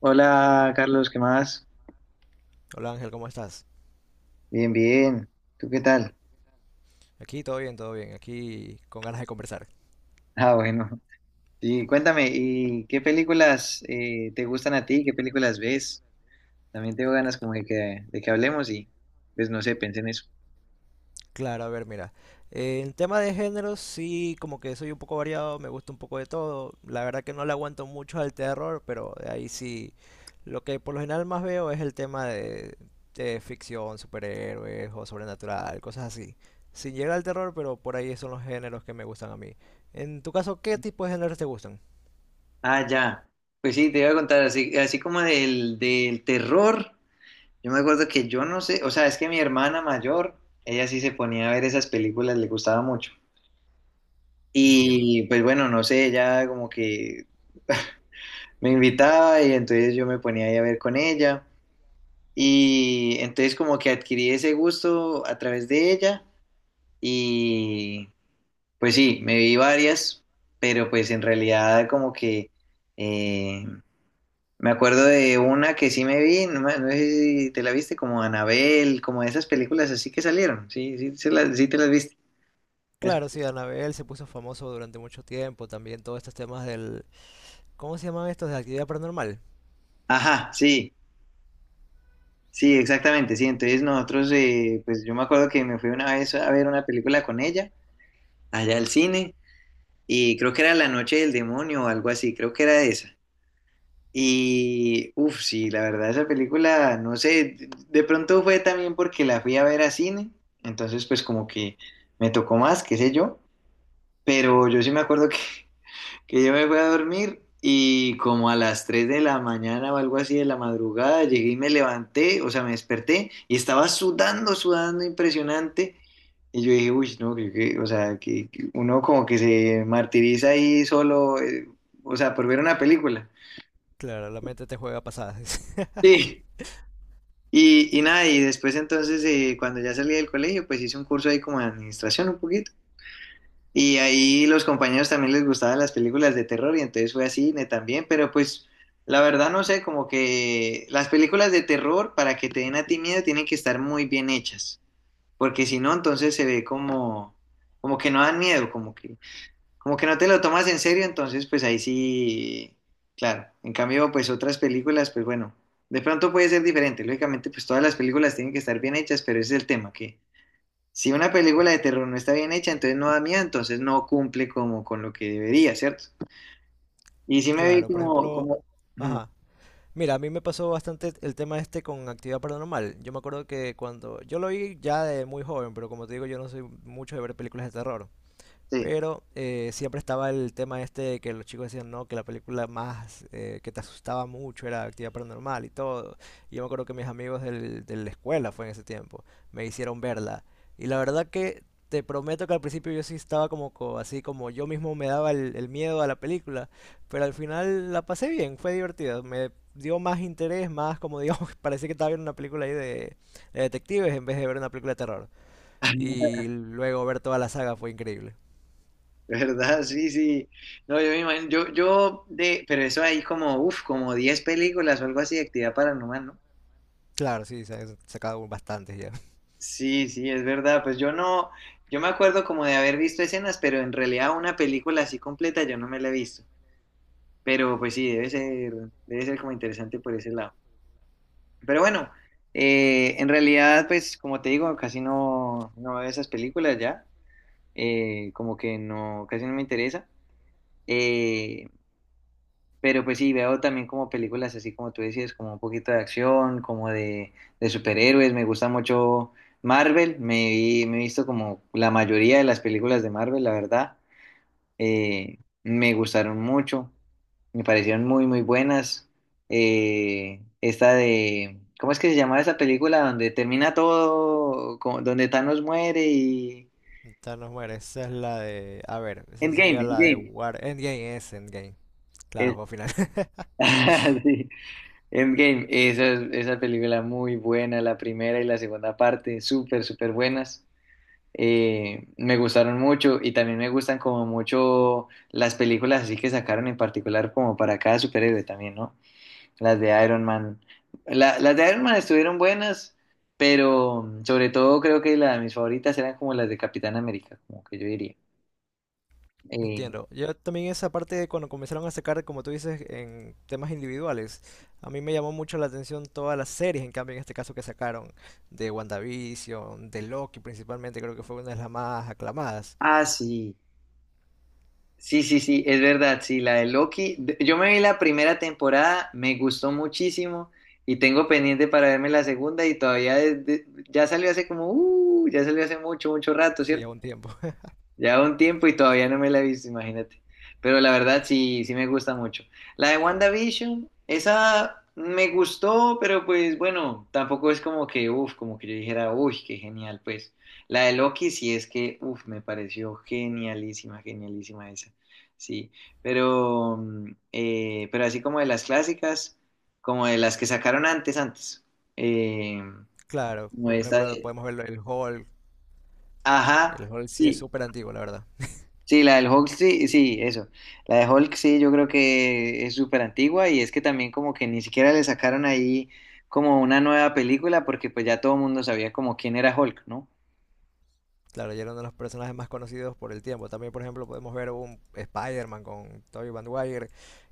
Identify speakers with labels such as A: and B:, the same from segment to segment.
A: Hola Carlos, ¿qué más?
B: Hola Ángel, ¿cómo estás?
A: Bien, bien. ¿Tú qué tal?
B: Aquí todo bien, aquí con ganas de conversar.
A: Ah, bueno. Y cuéntame, ¿y qué películas te gustan a ti? ¿Qué películas ves? También tengo ganas como de que hablemos y pues no sé, pensé en eso.
B: Claro, a ver, mira, en tema de géneros sí, como que soy un poco variado, me gusta un poco de todo. La verdad que no le aguanto mucho al terror, pero de ahí sí, lo que por lo general más veo es el tema de ficción, superhéroes o sobrenatural, cosas así. Sin llegar al terror, pero por ahí son los géneros que me gustan a mí. En tu caso, ¿qué tipo de géneros te gustan?
A: Ah, ya. Pues sí, te iba a contar, así, así como del terror, yo me acuerdo que yo no sé, o sea, es que mi hermana mayor, ella sí se ponía a ver esas películas, le gustaba mucho.
B: Entiendo.
A: Y pues bueno, no sé, ella como que me invitaba y entonces yo me ponía ahí a ver con ella. Y entonces como que adquirí ese gusto a través de ella y pues sí, me vi varias, pero pues en realidad como que eh, me acuerdo de una que sí me vi, no, no sé si te la viste, como Anabel, como esas películas así que salieron, sí, sí, sí te las viste. Es-
B: Claro, sí, Anabel se puso famoso durante mucho tiempo, también todos estos temas del ¿Cómo se llaman estos de actividad paranormal?
A: Ajá, sí, sí, exactamente, sí, entonces nosotros, pues yo me acuerdo que me fui una vez a ver una película con ella, allá al cine. Y creo que era La Noche del Demonio o algo así, creo que era esa. Y, uff, sí, la verdad, esa película, no sé, de pronto fue también porque la fui a ver a cine, entonces pues como que me tocó más, qué sé yo, pero yo sí me acuerdo que yo me fui a dormir y como a las 3 de la mañana o algo así de la madrugada, llegué y me levanté, o sea, me desperté y estaba sudando, sudando impresionante. Y yo dije, uy, no, o sea, que uno como que se martiriza ahí solo, o sea, por ver una película.
B: Claro, la mente te juega pasadas.
A: Sí. Y nada, y después entonces, cuando ya salí del colegio, pues hice un curso ahí como de administración un poquito. Y ahí los compañeros también les gustaban las películas de terror y entonces fue a cine también, pero pues la verdad no sé, como que las películas de terror para que te den a ti miedo tienen que estar muy bien hechas, porque si no entonces se ve como como que no dan miedo, como que no te lo tomas en serio, entonces pues ahí sí, claro. En cambio pues otras películas pues bueno, de pronto puede ser diferente, lógicamente pues todas las películas tienen que estar bien hechas, pero ese es el tema que si una película de terror no está bien hecha, entonces no da miedo, entonces no cumple como con lo que debería, ¿cierto? Y sí me vi
B: Claro, por ejemplo,
A: mm,
B: ajá. Mira, a mí me pasó bastante el tema este con actividad paranormal. Yo me acuerdo que cuando yo lo vi ya de muy joven, pero como te digo, yo no soy mucho de ver películas de terror.
A: sí,
B: Pero siempre estaba el tema este de que los chicos decían, no, que la película más que te asustaba mucho era Actividad Paranormal y todo. Y yo me acuerdo que mis amigos de la escuela, fue en ese tiempo, me hicieron verla. Y la verdad que te prometo que al principio yo sí estaba como así, como yo mismo me daba el miedo a la película. Pero al final la pasé bien, fue divertida. Me dio más interés, más como digo, parecía que estaba viendo una película ahí de detectives en vez de ver una película de terror. Y luego ver toda la saga fue increíble.
A: ¿verdad? Sí, sí. No, yo me imagino, pero eso hay como, uff, como 10 películas o algo así de actividad paranormal, ¿no?
B: Claro, sí, se han sacado bastantes ya.
A: Sí, sí, es verdad. Pues yo no, yo me acuerdo como de haber visto escenas, pero en realidad una película así completa yo no me la he visto. Pero pues sí, debe ser como interesante por ese lado. Pero bueno, en realidad, pues como te digo, casi no, no veo esas películas ya, como que no, casi no me interesa. Eh, pero pues sí, veo también como películas así como tú decías, como un poquito de acción, de superhéroes, me gusta mucho Marvel, me he visto como la mayoría de las películas de Marvel, la verdad me gustaron mucho, me parecieron muy buenas. Esta de, ¿cómo es que se llamaba esa película donde termina todo, donde Thanos muere y...
B: Thanos muere. Esa es la de. A ver, esa sería
A: Endgame,
B: la de
A: Endgame.
B: War. Endgame es Endgame. Claro,
A: Es-
B: juego final.
A: sí, Endgame. Esa, esa película muy buena, la primera y la segunda parte, súper buenas. Me gustaron mucho y también me gustan como mucho las películas así que sacaron en particular como para cada superhéroe también, ¿no? Las de Iron Man. Las de Iron Man estuvieron buenas, pero sobre todo creo que mis favoritas eran como las de Capitán América, como que yo diría. Eh,
B: Entiendo. Yo también esa parte de cuando comenzaron a sacar, como tú dices, en temas individuales, a mí me llamó mucho la atención todas las series, en cambio en este caso que sacaron de WandaVision, de Loki principalmente, creo que fue una de las más aclamadas.
A: ah, sí. Sí, sí, sí, es verdad, sí, la de Loki. Yo me vi la primera temporada, me gustó muchísimo y tengo pendiente para verme la segunda y todavía ya salió hace como, ya salió hace mucho rato,
B: Sí,
A: ¿cierto?
B: a un tiempo.
A: Ya un tiempo y todavía no me la he visto, imagínate. Pero la verdad sí, sí me gusta mucho. La de WandaVision, esa me gustó, pero pues bueno, tampoco es como que, uff, como que yo dijera, uy, qué genial, pues. La de Loki sí es que, uff, me pareció genialísima, genialísima esa. Sí, pero, pero así como de las clásicas, como de las que sacaron antes. Eh,
B: Claro,
A: como
B: como por
A: esta,
B: ejemplo podemos verlo el Hulk. El
A: ajá.
B: Hulk sí es
A: Sí,
B: súper antiguo, la verdad.
A: Sí, la del Hulk, sí, sí, eso. La de Hulk, sí, yo creo que es súper antigua y es que también como que ni siquiera le sacaron ahí como una nueva película porque pues ya todo el mundo sabía como quién era Hulk, ¿no?
B: Claro, ya era uno de los personajes más conocidos por el tiempo. También, por ejemplo, podemos ver un Spider-Man con Tobey Maguire,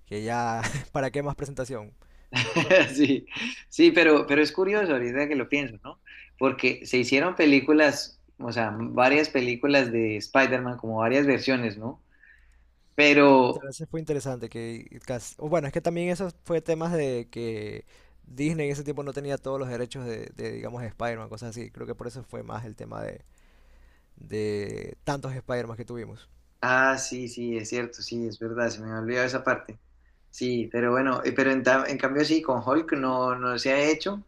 B: que ya, ¿para qué más presentación?
A: Sí, sí, pero es curioso ahorita que lo pienso, ¿no? Porque se hicieron películas, o sea, varias películas de Spider-Man, como varias versiones, ¿no? Pero,
B: Pero eso fue interesante, que o bueno, es que también eso fue temas de que Disney en ese tiempo no tenía todos los derechos de digamos, Spider-Man, cosas así. Creo que por eso fue más el tema de tantos Spider-Man que tuvimos.
A: ah, sí, sí, es cierto, sí, es verdad, se me había olvidado esa parte. Sí, pero bueno, pero en cambio sí, con Hulk no, no se ha hecho.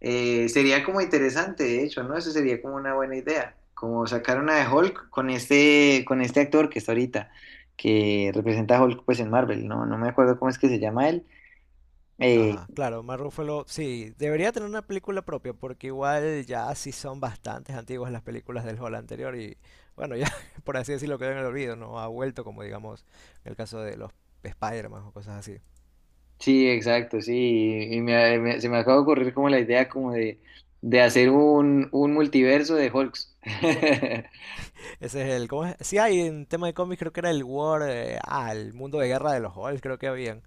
A: Sería como interesante, de hecho, ¿no? Eso sería como una buena idea, como sacar una de Hulk con este actor que está ahorita, que representa a Hulk pues en Marvel, ¿no? No me acuerdo cómo es que se llama él. Eh,
B: Ajá, claro, Mark Ruffalo, sí, debería tener una película propia, porque igual ya sí son bastantes antiguas las películas del Hall anterior y bueno, ya por así decirlo quedó en el olvido, no ha vuelto como digamos en el caso de los Spider-Man o cosas así.
A: sí, exacto, sí, y se me acaba de ocurrir como la idea como de hacer un multiverso de Hulks.
B: Ese es el, ¿cómo es? Sí hay en tema de cómics, creo que era el War, el mundo de guerra de los Halls, creo que habían,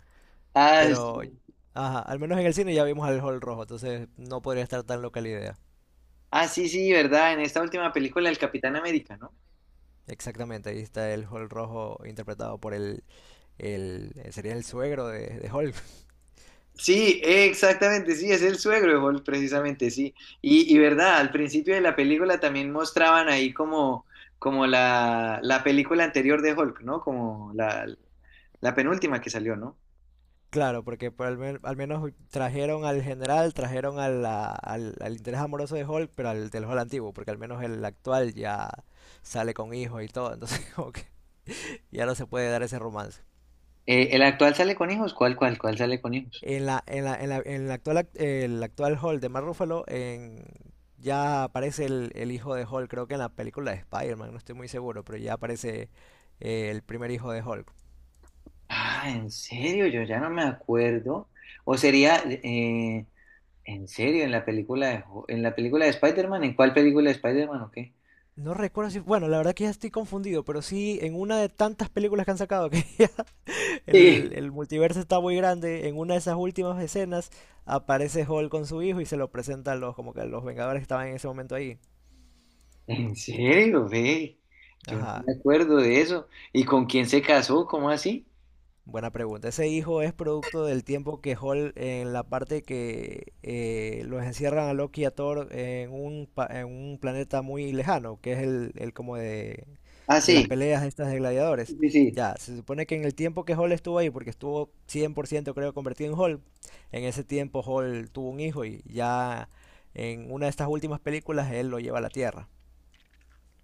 A: Ah, sí,
B: pero ajá, al menos en el cine ya vimos al Hall rojo, entonces no podría estar tan loca la idea.
A: ah, sí, sí, ¿verdad? En esta última película, el Capitán América, ¿no?
B: Exactamente, ahí está el Hall rojo interpretado por el sería el suegro de Hulk.
A: Sí, exactamente, sí, es el suegro de Hulk, precisamente, sí. Y verdad, al principio de la película también mostraban ahí como, como la película anterior de Hulk, ¿no? Como la penúltima que salió, ¿no?
B: Claro, porque por al menos trajeron al general, trajeron a al, al interés amoroso de Hulk, pero al del Hulk antiguo, porque al menos el actual ya sale con hijos y todo, entonces como que ya no se puede dar ese romance.
A: ¿El actual sale con hijos? Cuál sale con hijos?
B: En la actual, el actual Hulk de Mark Ruffalo, en, ya aparece el hijo de Hulk, creo que en la película de Spider-Man, no estoy muy seguro, pero ya aparece el primer hijo de Hulk.
A: Ah, en serio, yo ya no me acuerdo. O sería, en serio, en la película de, en la película de Spider-Man, ¿en cuál película de Spider-Man o qué?
B: No recuerdo si, bueno, la verdad que ya estoy confundido, pero sí en una de tantas películas que han sacado que el multiverso está muy grande. En una de esas últimas escenas aparece Hulk con su hijo y se lo presenta a los, como que a los Vengadores que estaban en ese momento ahí.
A: ¿En serio, ve? Yo no
B: Ajá.
A: me acuerdo de eso. ¿Y con quién se casó? ¿Cómo así?
B: Buena pregunta. Ese hijo es producto del tiempo que Hulk en la parte que los encierran a Loki y a Thor en un, en un planeta muy lejano, que es el como
A: Ah,
B: de las
A: sí,
B: peleas estas de gladiadores.
A: sí, sí.
B: Ya, se supone que en el tiempo que Hall estuvo ahí, porque estuvo 100% creo convertido en Hall, en ese tiempo Hall tuvo un hijo y ya en una de estas últimas películas él lo lleva a la Tierra.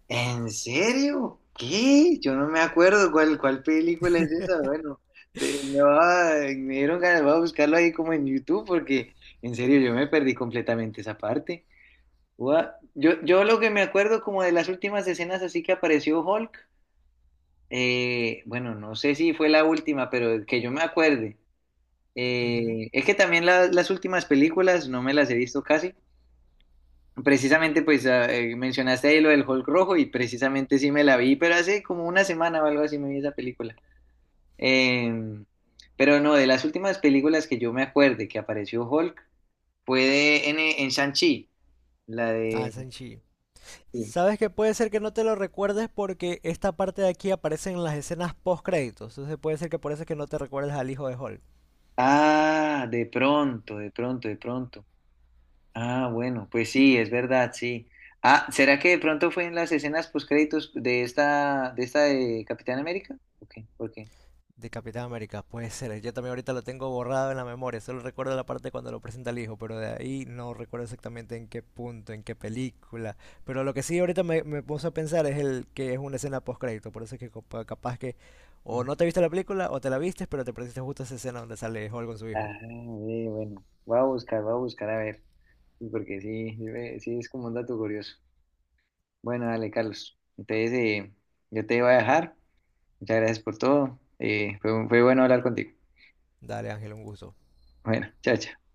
A: ¿En serio? ¿Qué? Yo no me acuerdo cuál película es esa. Bueno, me dieron ganas, voy a buscarlo ahí como en YouTube porque en serio yo me perdí completamente esa parte. Yo, yo lo que me acuerdo como de las últimas escenas así que apareció Hulk, bueno, no sé si fue la última, pero que yo me acuerde.
B: Ujú.
A: Es que también las últimas películas no me las he visto casi. Precisamente, pues ah, mencionaste ahí lo del Hulk rojo y precisamente sí me la vi, pero hace como una semana o algo así me vi esa película. Eh, pero no, de las últimas películas que yo me acuerde que apareció Hulk fue en Shang-Chi, la
B: Ah,
A: de...
B: Sanchi.
A: sí.
B: Sabes que puede ser que no te lo recuerdes porque esta parte de aquí aparece en las escenas post créditos, entonces puede ser que por eso es que no te recuerdes al hijo de Hall.
A: Ah, de pronto, de pronto, de pronto. Ah, bueno, pues sí, es verdad, sí. Ah, ¿será que de pronto fue en las escenas postcréditos de esta, de esta de Capitán América? Ok, ¿por qué?
B: De Capitán América, puede ser. Yo también ahorita lo tengo borrado en la memoria. Solo recuerdo la parte cuando lo presenta el hijo, pero de ahí no recuerdo exactamente en qué punto, en qué película. Pero lo que sí ahorita me, me puse a pensar es el que es una escena post-crédito. Por eso es que capaz que o
A: Ujú.
B: no te viste la película o te la viste, pero te perdiste justo esa escena donde sale Hulk con su hijo.
A: Ah, bueno, voy a buscar a ver, sí, porque sí, sí, sí es como un dato curioso. Bueno, dale, Carlos. Entonces, yo te voy a dejar. Muchas gracias por todo. Fue bueno hablar contigo.
B: Dale, Ángel, un gusto.
A: Bueno, chao, chao.